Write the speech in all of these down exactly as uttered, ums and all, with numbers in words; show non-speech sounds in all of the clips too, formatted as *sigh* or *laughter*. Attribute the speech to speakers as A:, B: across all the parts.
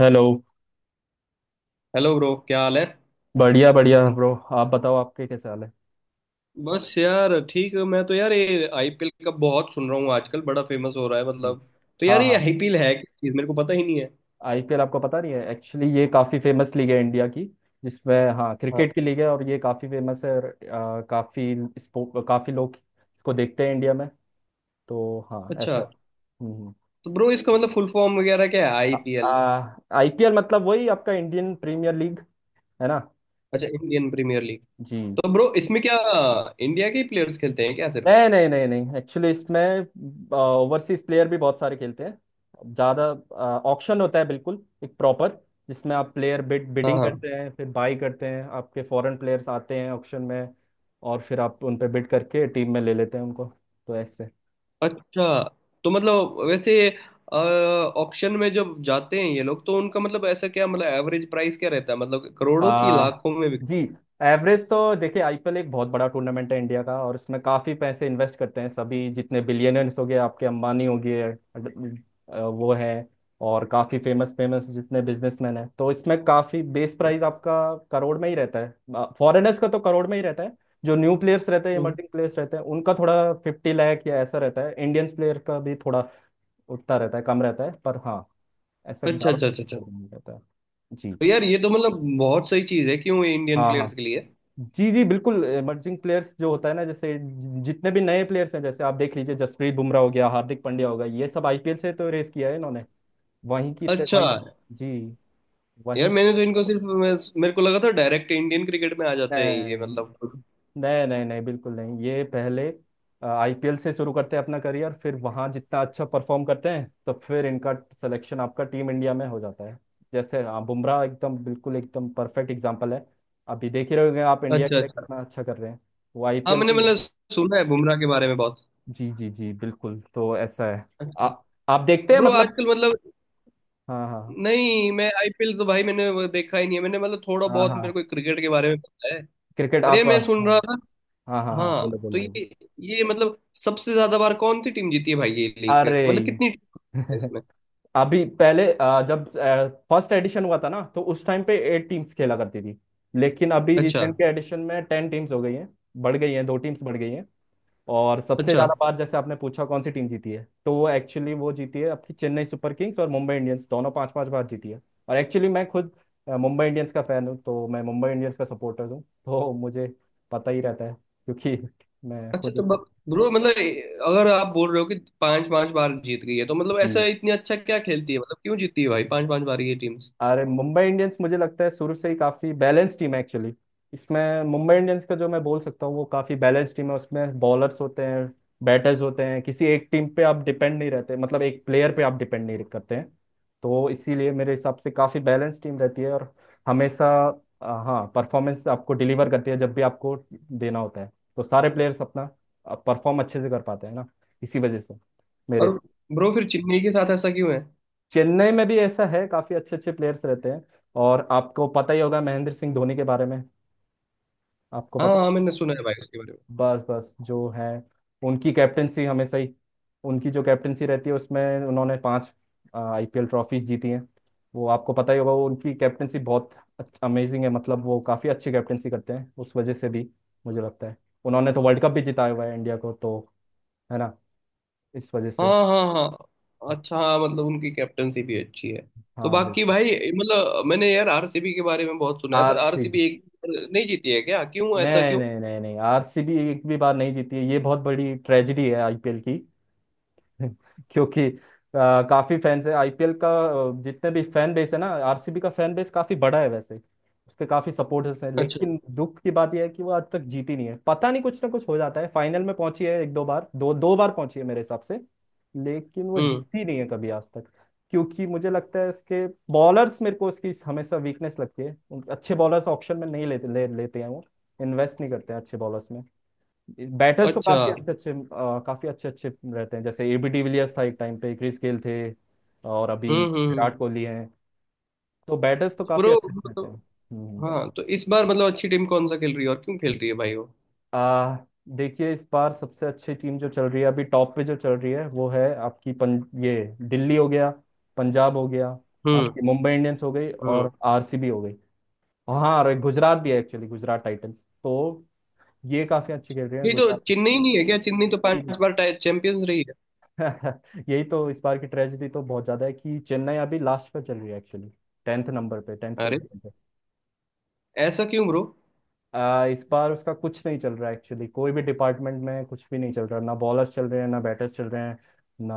A: Hello.
B: Hello bro, क्या हाल है।
A: बढ़िया बढ़िया, ब्रो। आप बताओ, आपके कैसे हाल है?
B: बस यार ठीक है। मैं तो यार ये आई पी एल का बहुत सुन रहा हूँ आजकल, बड़ा फेमस हो रहा है
A: जी।
B: मतलब। तो
A: हाँ
B: यार ये
A: हाँ।
B: आईपीएल है क्या चीज़, मेरे को पता ही नहीं है।
A: आईपीएल आपको पता नहीं है? एक्चुअली ये काफ़ी फेमस लीग है इंडिया की, जिसमें, हाँ,
B: हाँ,
A: क्रिकेट की लीग है, और ये काफ़ी फेमस है, और आ, काफ़ी इसको काफ़ी लोग इसको देखते हैं इंडिया में। तो हाँ,
B: अच्छा।
A: ऐसा है। हम्म।
B: तो ब्रो इसका मतलब फुल फॉर्म वगैरह क्या है आई पी एल।
A: आईपीएल मतलब वही आपका इंडियन प्रीमियर लीग। है ना?
B: अच्छा, इंडियन प्रीमियर लीग।
A: जी।
B: तो ब्रो इसमें क्या इंडिया के ही प्लेयर्स खेलते हैं क्या सिर्फ।
A: नहीं नहीं नहीं नहीं, एक्चुअली इसमें ओवरसीज प्लेयर भी बहुत सारे खेलते हैं, ज़्यादा ऑक्शन होता है, बिल्कुल एक प्रॉपर, जिसमें आप प्लेयर बिड
B: हाँ
A: बिडिंग
B: हाँ,
A: करते हैं, फिर बाई करते हैं। आपके फॉरेन प्लेयर्स आते हैं ऑक्शन में, और फिर आप उन पे बिड करके टीम में ले लेते हैं उनको। तो ऐसे।
B: अच्छा। तो मतलब वैसे ऑक्शन में जब जाते हैं ये लोग तो उनका मतलब ऐसा क्या, मतलब एवरेज प्राइस क्या रहता है, मतलब करोड़ों की
A: आ,
B: लाखों में
A: जी।
B: बिकते हैं।
A: एवरेज तो देखिए, आईपीएल एक बहुत बड़ा टूर्नामेंट है इंडिया का, और इसमें काफ़ी पैसे इन्वेस्ट करते हैं सभी। जितने बिलियनर्स हो गए, आपके अंबानी हो गए, अ, वो हैं। और काफ़ी फेमस फेमस जितने बिजनेसमैन हैं, तो इसमें काफ़ी बेस प्राइस आपका करोड़ में ही रहता है, फॉरेनर्स का तो करोड़ में ही रहता है। जो न्यू प्लेयर्स रहते हैं,
B: हम्म।
A: इमर्जिंग प्लेयर्स रहते हैं, उनका थोड़ा फिफ्टी लाख या ऐसा रहता है। इंडियंस प्लेयर का भी थोड़ा उठता रहता है, कम रहता है, पर हाँ, ऐसा
B: अच्छा
A: ज़्यादा
B: अच्छा अच्छा।
A: रहता है। जी।
B: तो यार ये तो मतलब बहुत सही चीज है क्यों ये इंडियन
A: हाँ हाँ
B: प्लेयर्स के लिए।
A: जी जी, बिल्कुल। इमर्जिंग प्लेयर्स जो होता है ना, जैसे जि- जितने भी नए प्लेयर्स हैं, जैसे आप देख लीजिए, जसप्रीत बुमराह हो गया, हार्दिक पांड्या हो गया, ये सब आईपीएल से तो रेस किया है इन्होंने। वहीं की ते-
B: अच्छा
A: वहीं।
B: है।
A: जी। वहीं
B: यार
A: से।
B: मैंने तो इनको सिर्फ मैं, मेरे को लगा था डायरेक्ट इंडियन क्रिकेट में आ जाते हैं ये
A: नहीं
B: मतलब।
A: नहीं नहीं नहीं, बिल्कुल नहीं, ये पहले आईपीएल से शुरू करते हैं अपना करियर, फिर वहाँ जितना अच्छा परफॉर्म करते हैं, तो फिर इनका सिलेक्शन आपका टीम इंडिया में हो जाता है। जैसे हाँ, बुमराह एकदम, बिल्कुल एकदम परफेक्ट एग्जाम्पल है। अभी देख ही रहे होंगे आप, इंडिया
B: अच्छा
A: के लिए
B: अच्छा।
A: कितना अच्छा कर रहे हैं वो
B: हाँ
A: आईपीएल
B: मैंने
A: के।
B: मतलब सुना है बुमराह के बारे में बहुत।
A: जी जी जी, बिल्कुल, तो ऐसा है। आ, आप देखते
B: तो
A: हैं
B: ब्रो
A: मतलब।
B: आजकल मतलब,
A: हाँ हाँ
B: नहीं मैं आई पी एल तो भाई मैंने वो देखा ही नहीं है, मैंने मतलब थोड़ा
A: हाँ हाँ
B: बहुत मेरे
A: हाँ।
B: को क्रिकेट के बारे में पता है।
A: क्रिकेट
B: पर ये
A: आप,
B: मैं सुन
A: हाँ।
B: रहा था।
A: हाँ हाँ हाँ, बोलो
B: हाँ तो
A: बोलो बोलो।
B: ये ये मतलब सबसे ज्यादा बार कौन सी टीम जीती है भाई ये लीग,
A: अरे
B: फिर मतलब कितनी टीम है
A: *laughs*
B: इसमें।
A: अभी पहले, आ, जब फर्स्ट एडिशन हुआ था ना, तो उस टाइम पे एट टीम्स खेला करती थी, लेकिन अभी
B: अच्छा
A: रिसेंट के एडिशन में टेन टीम्स हो गई हैं। बढ़ गई हैं, दो टीम्स बढ़ गई हैं। और सबसे
B: अच्छा
A: ज्यादा बार, जैसे आपने पूछा कौन सी टीम जीती है, तो वो एक्चुअली वो जीती है आपकी चेन्नई सुपर किंग्स और मुंबई इंडियंस, दोनों पांच पांच बार जीती है। और एक्चुअली मैं खुद अ, मुंबई इंडियंस का फैन हूँ, तो मैं मुंबई इंडियंस का सपोर्टर हूँ, तो मुझे पता ही रहता है क्योंकि *laughs* मैं
B: अच्छा। तो
A: खुद।
B: ब्रो मतलब अगर आप बोल रहे हो कि पांच पांच बार जीत गई है, तो मतलब ऐसा
A: जी।
B: इतनी अच्छा क्या खेलती है, मतलब क्यों जीतती है भाई पांच पांच बार ये टीम्स।
A: अरे मुंबई इंडियंस, मुझे लगता है शुरू से ही काफी बैलेंस टीम है एक्चुअली। इसमें मुंबई इंडियंस का, जो मैं बोल सकता हूँ, वो काफी बैलेंस टीम है। उसमें बॉलर्स होते हैं, बैटर्स होते हैं, किसी एक टीम पे आप डिपेंड नहीं रहते, मतलब एक प्लेयर पे आप डिपेंड नहीं करते हैं। तो इसीलिए मेरे हिसाब से काफी बैलेंस टीम रहती है, और हमेशा अ, हाँ, परफॉर्मेंस आपको डिलीवर करती है, जब भी आपको देना होता है। तो सारे प्लेयर्स अपना परफॉर्म अच्छे से कर पाते हैं ना, इसी वजह से मेरे।
B: और ब्रो फिर चेन्नई के साथ ऐसा क्यों है।
A: चेन्नई में भी ऐसा है, काफी अच्छे अच्छे प्लेयर्स रहते हैं। और आपको पता ही होगा महेंद्र सिंह धोनी के बारे में, आपको
B: हाँ
A: पता
B: हाँ,
A: होगा।
B: मैंने सुना है भाई उसके बारे में।
A: बस बस, जो है उनकी कैप्टनसी हमेशा ही, उनकी जो कैप्टनसी रहती है, उसमें उन्होंने पाँच आई पी एल ट्रॉफीज जीती हैं। वो आपको पता ही होगा, वो उनकी कैप्टनसी बहुत अमेजिंग है, मतलब वो काफी अच्छी कैप्टनसी करते हैं, उस वजह से भी मुझे लगता है। उन्होंने तो वर्ल्ड कप भी जिताया हुआ है इंडिया को, तो है ना, इस वजह से।
B: हाँ हाँ हाँ, अच्छा। हाँ मतलब उनकी कैप्टनसी भी अच्छी है। तो
A: हाँ
B: बाकी
A: बिल्कुल।
B: भाई मतलब मैंने यार आर सी बी के बारे में बहुत सुना है, पर
A: आरसी
B: आर सी बी एक भी नहीं जीती है क्या, क्यों ऐसा
A: नहीं
B: क्यों।
A: नहीं नहीं नहीं, आरसीबी एक भी बार नहीं जीती है, ये बहुत बड़ी ट्रेजेडी है आईपीएल की। *laughs* क्योंकि अ, काफी फैंस है आईपीएल का, अ, जितने भी फैन बेस है ना, आरसीबी का फैन बेस काफी बड़ा है वैसे, उसके काफी सपोर्टर्स हैं,
B: अच्छा।
A: लेकिन दुख की बात यह है कि वो आज तक जीती नहीं है। पता नहीं कुछ ना कुछ हो जाता है, फाइनल में पहुंची है एक दो बार, दो दो बार पहुंची है मेरे हिसाब से, लेकिन वो
B: हम्म।
A: जीती नहीं है कभी आज तक। क्योंकि मुझे लगता है उसके बॉलर्स, मेरे को उसकी हमेशा वीकनेस लगती है, उन- अच्छे बॉलर्स ऑक्शन में नहीं लेते ले, लेते हैं वो, इन्वेस्ट नहीं करते हैं अच्छे बॉलर्स। बैटर्स तो
B: अच्छा।
A: काफी अच्छे अच्छे, अ, काफी अच्छे अच्छे रहते हैं, जैसे एबी डिविलियर्स था एक टाइम पे, क्रिस गेल थे, और अभी
B: हम्म हम्म हम्म।
A: विराट कोहली हैं। तो बैटर्स तो
B: तो
A: काफी
B: ब्रो
A: अच्छे रहते
B: मतलब,
A: हैं। हम्म।
B: हाँ तो इस बार मतलब अच्छी टीम कौन सा खेल रही है और क्यों खेल रही है भाई वो।
A: आ, देखिए, इस बार सबसे अच्छी टीम जो चल रही है, अभी टॉप पे जो चल रही है, वो है आपकी पं, ये दिल्ली हो गया, पंजाब हो गया,
B: हम्म।
A: आपकी मुंबई इंडियंस हो गई
B: हम्म।
A: और आर सी बी हो गई। हाँ, और एक गुजरात भी है एक्चुअली, गुजरात टाइटंस, तो ये काफी अच्छी खेल रही है
B: ये तो
A: गुजरात।
B: चेन्नई नहीं है क्या, चेन्नई तो पांच बार चैंपियंस रही है।
A: *laughs* यही तो इस बार की ट्रेजेडी तो बहुत ज्यादा है, कि चेन्नई अभी लास्ट पर चल रही है एक्चुअली, टेंथ नंबर पे, टेंथ
B: अरे,
A: पोजीशन पे।
B: ऐसा क्यों ब्रो।
A: आ, इस बार उसका कुछ नहीं चल रहा है एक्चुअली, कोई भी डिपार्टमेंट में कुछ भी नहीं चल रहा, ना बॉलर्स चल रहे हैं, ना बैटर्स चल रहे हैं, ना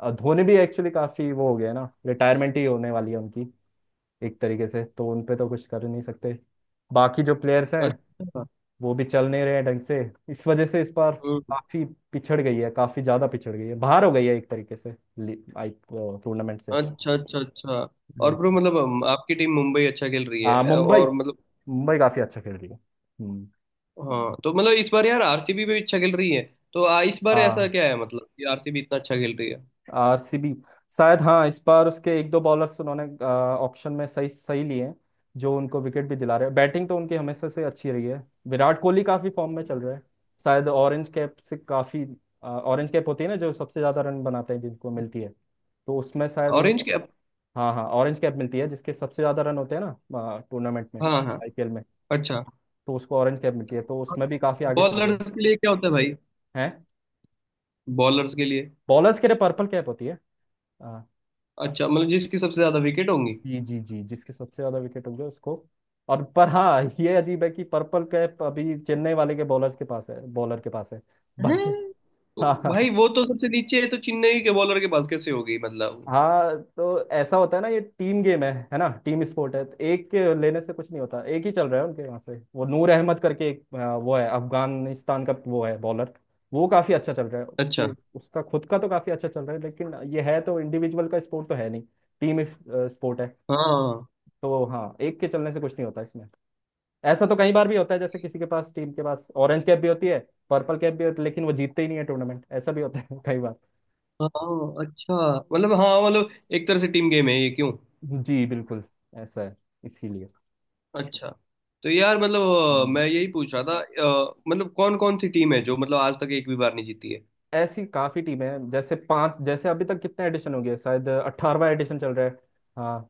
A: अ, धोनी भी एक्चुअली काफी वो हो गया है ना, रिटायरमेंट ही होने वाली है उनकी एक तरीके से, तो उन पे तो कुछ कर ही नहीं सकते। बाकी जो प्लेयर्स हैं,
B: अच्छा।
A: वो भी चल नहीं रहे हैं ढंग से, इस वजह से इस बार
B: हम्म।
A: काफी पिछड़ गई है, काफी ज्यादा पिछड़ गई है, बाहर हो गई है एक तरीके से टूर्नामेंट से।
B: अच्छा अच्छा अच्छा। और ब्रो
A: बिल्कुल।
B: मतलब हम- आपकी टीम मुंबई अच्छा खेल रही है,
A: हाँ
B: अ,
A: मुंबई,
B: और मतलब।
A: मुंबई काफी अच्छा खेल रही है। हम्म,
B: हाँ तो मतलब इस बार यार आरसीबी भी अच्छा खेल रही है। तो आ, इस बार ऐसा
A: हाँ।
B: क्या है, मतलब कि आर सी बी इतना अच्छा खेल रही है।
A: आरसीबी, शायद, हाँ, इस बार उसके एक दो बॉलर्स उन्होंने ऑप्शन में सही सही लिए हैं, जो उनको विकेट भी दिला रहे हैं। बैटिंग तो उनकी हमेशा से अच्छी रही है, विराट कोहली काफी फॉर्म में चल रहा है। शायद ऑरेंज कैप से काफी, ऑरेंज कैप होती है ना, जो सबसे ज्यादा रन बनाते हैं, जिनको मिलती है, तो उसमें शायद वो,
B: ऑरेंज के।
A: हाँ हाँ, ऑरेंज कैप मिलती है जिसके सबसे ज्यादा रन होते हैं ना टूर्नामेंट में,
B: हाँ हाँ,
A: आईपीएल में।
B: अच्छा।
A: तो उसको ऑरेंज कैप मिलती है, तो उसमें भी काफी आगे चल रहे हैं।
B: बॉलर्स के लिए क्या होता है भाई,
A: हैं।
B: बॉलर्स के लिए।
A: बॉलर्स के लिए पर्पल कैप होती है। हाँ।
B: अच्छा, मतलब जिसकी सबसे ज्यादा विकेट होंगी।
A: जी जी जी, जिसके सबसे ज्यादा विकेट होंगे उसको। और पर हाँ, ये अजीब है कि पर्पल कैप अभी चेन्नई वाले के बॉलर्स के पास है, बॉलर के पास है, बट
B: हैं?
A: *laughs*
B: तो
A: हाँ।
B: भाई वो तो सबसे नीचे है, तो चेन्नई के बॉलर के पास कैसे होगी मतलब।
A: हाँ, तो ऐसा होता है ना, ये टीम गेम है है ना, टीम स्पोर्ट है, तो एक के लेने से कुछ नहीं होता। एक ही चल रहा है उनके यहाँ से, वो नूर अहमद करके एक, आ, वो है अफगानिस्तान का, वो है बॉलर। वो काफी अच्छा चल रहा है,
B: अच्छा।
A: उसकी, उसका खुद का तो काफी अच्छा चल रहा है, लेकिन ये है, तो इंडिविजुअल का स्पोर्ट तो है नहीं, टीम स्पोर्ट है।
B: हाँ
A: तो हाँ, एक के चलने से कुछ नहीं होता इसमें। ऐसा तो कई बार भी होता है, जैसे किसी के पास, टीम के पास ऑरेंज कैप भी होती है, पर्पल कैप भी होती है, लेकिन वो जीतते ही नहीं है टूर्नामेंट, ऐसा भी होता है *laughs* कई बार।
B: हाँ। अच्छा, मतलब हाँ, मतलब एक तरह से टीम गेम है ये क्यों।
A: जी बिल्कुल, ऐसा है, इसीलिए।
B: अच्छा। तो यार मतलब अ,
A: हम्म।
B: मैं यही पूछ रहा था, अ, मतलब कौन कौन सी टीम है जो मतलब आज तक एक भी बार नहीं जीती है।
A: ऐसी काफी टीमें हैं, जैसे पांच जैसे अभी तक कितने एडिशन हो गए, शायद अट्ठारहवाँ एडिशन चल रहा है। हाँ,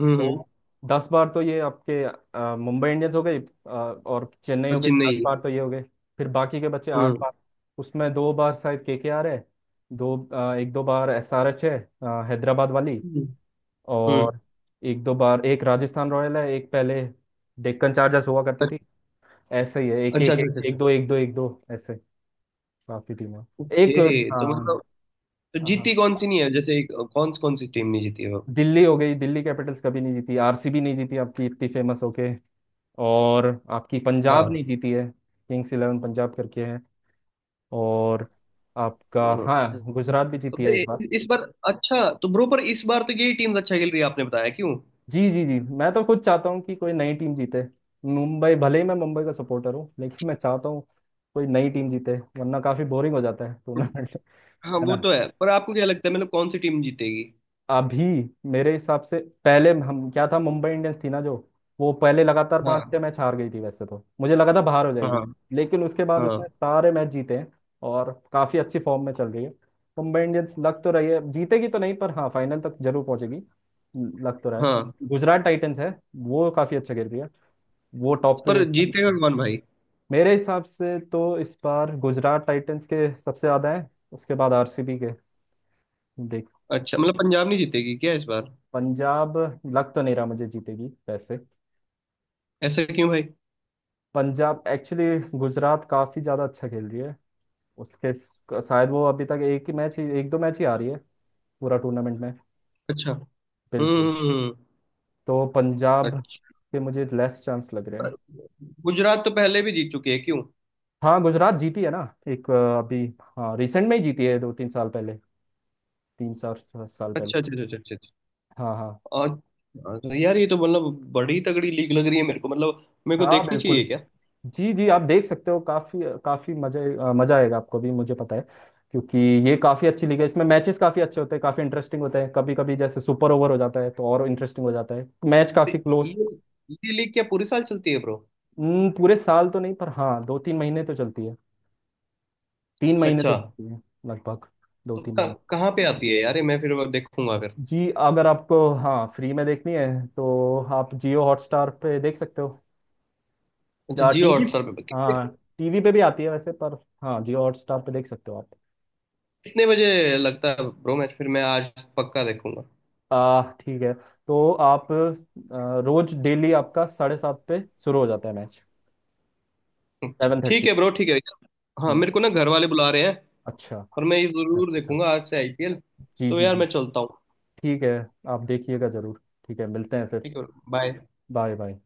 B: हम्म। हम्म,
A: तो दस बार तो ये आपके अ, मुंबई इंडियंस हो गई, अ, और चेन्नई
B: और
A: हो गई, दस
B: चेन्नई है।
A: बार तो ये हो गए। फिर बाकी के बचे आठ
B: हम्म।
A: बार उसमें दो बार शायद के के आर है, दो अ, एक दो बार एस आर एच है, अ, हैदराबाद वाली,
B: हम्म हम्म,
A: और एक दो बार, एक राजस्थान रॉयल है, एक पहले डेक्कन चार्जर्स हुआ करती थी। ऐसे ही है, एक
B: अच्छा
A: एक
B: अच्छा
A: एक,
B: अच्छा
A: एक
B: अच्छा।
A: दो एक दो एक दो ऐसे, काफी टीमें, एक।
B: ओके, तो मतलब
A: हाँ
B: तो
A: हाँ,
B: जीती कौन सी नहीं है, जैसे एक- कौन कौन सी टीम नहीं जीती है वो।
A: दिल्ली हो गई, दिल्ली कैपिटल्स कभी नहीं जीती, आरसीबी नहीं जीती आपकी इतनी फेमस होके, और आपकी पंजाब
B: हाँ।
A: नहीं जीती है, किंग्स इलेवन पंजाब करके है, और आपका,
B: हम्म,
A: हाँ, गुजरात भी
B: तो
A: जीती है एक बार।
B: ए- इस बार, अच्छा तो ब्रो पर इस बार तो यही टीम्स अच्छा खेल रही है आपने बताया क्यों।
A: जी जी जी, मैं तो खुद चाहता हूँ कि कोई नई टीम जीते। मुंबई भले ही, मैं मुंबई का सपोर्टर हूँ लेकिन मैं चाहता हूँ कोई नई टीम जीते, वरना काफी बोरिंग हो जाता है टूर्नामेंट।
B: हाँ
A: है
B: वो
A: ना?
B: तो है, पर आपको क्या लगता है मतलब कौन सी टीम जीतेगी।
A: अभी मेरे हिसाब से, पहले हम क्या था, मुंबई इंडियंस थी ना जो, वो पहले लगातार पांच
B: हाँ
A: छह मैच हार गई थी, वैसे तो मुझे लगा था बाहर हो जाएगी,
B: हाँ
A: लेकिन उसके बाद
B: हाँ
A: उसने सारे मैच जीते हैं और काफी अच्छी फॉर्म में चल रही है मुंबई इंडियंस, लग तो रही है। जीतेगी तो नहीं, पर हाँ फाइनल तक जरूर पहुंचेगी, लग तो रहा है।
B: हाँ।
A: गुजरात टाइटंस है, वो काफी अच्छा खेल रही है, वो टॉप
B: पर
A: पे चल
B: जीतेगा
A: रही है।
B: कौन भाई।
A: मेरे हिसाब से तो इस बार गुजरात टाइटंस के सबसे ज्यादा है, उसके बाद आरसीबी के, देख।
B: अच्छा, मतलब पंजाब नहीं जीतेगी क्या इस बार।
A: पंजाब लग तो नहीं रहा मुझे जीतेगी वैसे।
B: ऐसा क्यों भाई।
A: पंजाब एक्चुअली, गुजरात काफ़ी ज़्यादा अच्छा खेल रही है, उसके स- शायद वो अभी तक एक ही मैच ही, एक दो मैच ही आ रही है पूरा टूर्नामेंट में,
B: अच्छा।
A: बिल्कुल।
B: हम्म।
A: तो पंजाब
B: अच्छा।
A: के मुझे लेस चांस लग रहे
B: पर
A: हैं।
B: गुजरात तो पहले भी जीत चुकी है क्यों।
A: हाँ गुजरात जीती है ना, एक, अ, अभी, हाँ, रिसेंट में ही जीती है, दो तीन साल पहले, तीन चार साल पहले।
B: अच्छा अच्छा अच्छा अच्छा अच्छा।
A: हाँ हाँ
B: और- और यार ये तो मतलब बड़ी तगड़ी लीग लग रही है मेरे को, मतलब मेरे को
A: हाँ
B: देखनी
A: बिल्कुल।
B: चाहिए क्या।
A: जी जी, आप देख सकते हो, काफी काफी मजे, अ, मजा आएगा आपको भी, मुझे पता है, क्योंकि ये काफी अच्छी लीग है, इसमें मैचेस काफी अच्छे होते हैं, काफी इंटरेस्टिंग होते हैं, कभी कभी जैसे सुपर ओवर हो जाता है तो और इंटरेस्टिंग हो जाता है मैच,
B: ये
A: काफी क्लोज।
B: ये लीग क्या पूरे साल चलती है ब्रो।
A: पूरे साल तो नहीं, पर हाँ दो तीन महीने तो चलती है, तीन महीने
B: अच्छा,
A: तो चलती है, लगभग दो
B: तो
A: तीन
B: कहाँ
A: महीने
B: कहाँ पे आती है यार ये, मैं फिर वो देखूंगा फिर।
A: जी, अगर आपको हाँ फ्री में देखनी है, तो आप जियो हॉटस्टार पे देख सकते हो,
B: अच्छा,
A: या
B: जियो
A: टी वी,
B: हॉटस्टार पे कितने,
A: हाँ टीवी पे भी आती है वैसे, पर हाँ जियो हॉटस्टार पे देख सकते हो आप।
B: कितने बजे लगता है ब्रो मैच, फिर मैं आज पक्का देखूंगा।
A: आ ठीक है, तो आप आ, रोज डेली आपका साढ़े सात पे शुरू हो जाता है मैच।
B: अच्छा
A: सेवन थर्टी।
B: ठीक है ब्रो, ठीक है। हाँ
A: हम्म,
B: मेरे को ना घर वाले बुला रहे हैं,
A: अच्छा
B: पर
A: अच्छा
B: मैं ये जरूर
A: अच्छा।
B: देखूंगा आज से आई पी एल।
A: जी
B: तो
A: जी
B: यार
A: जी।
B: मैं चलता हूँ।
A: ठीक है, आप देखिएगा जरूर। ठीक है, मिलते हैं फिर।
B: ठीक है। बाय।
A: Bye bye.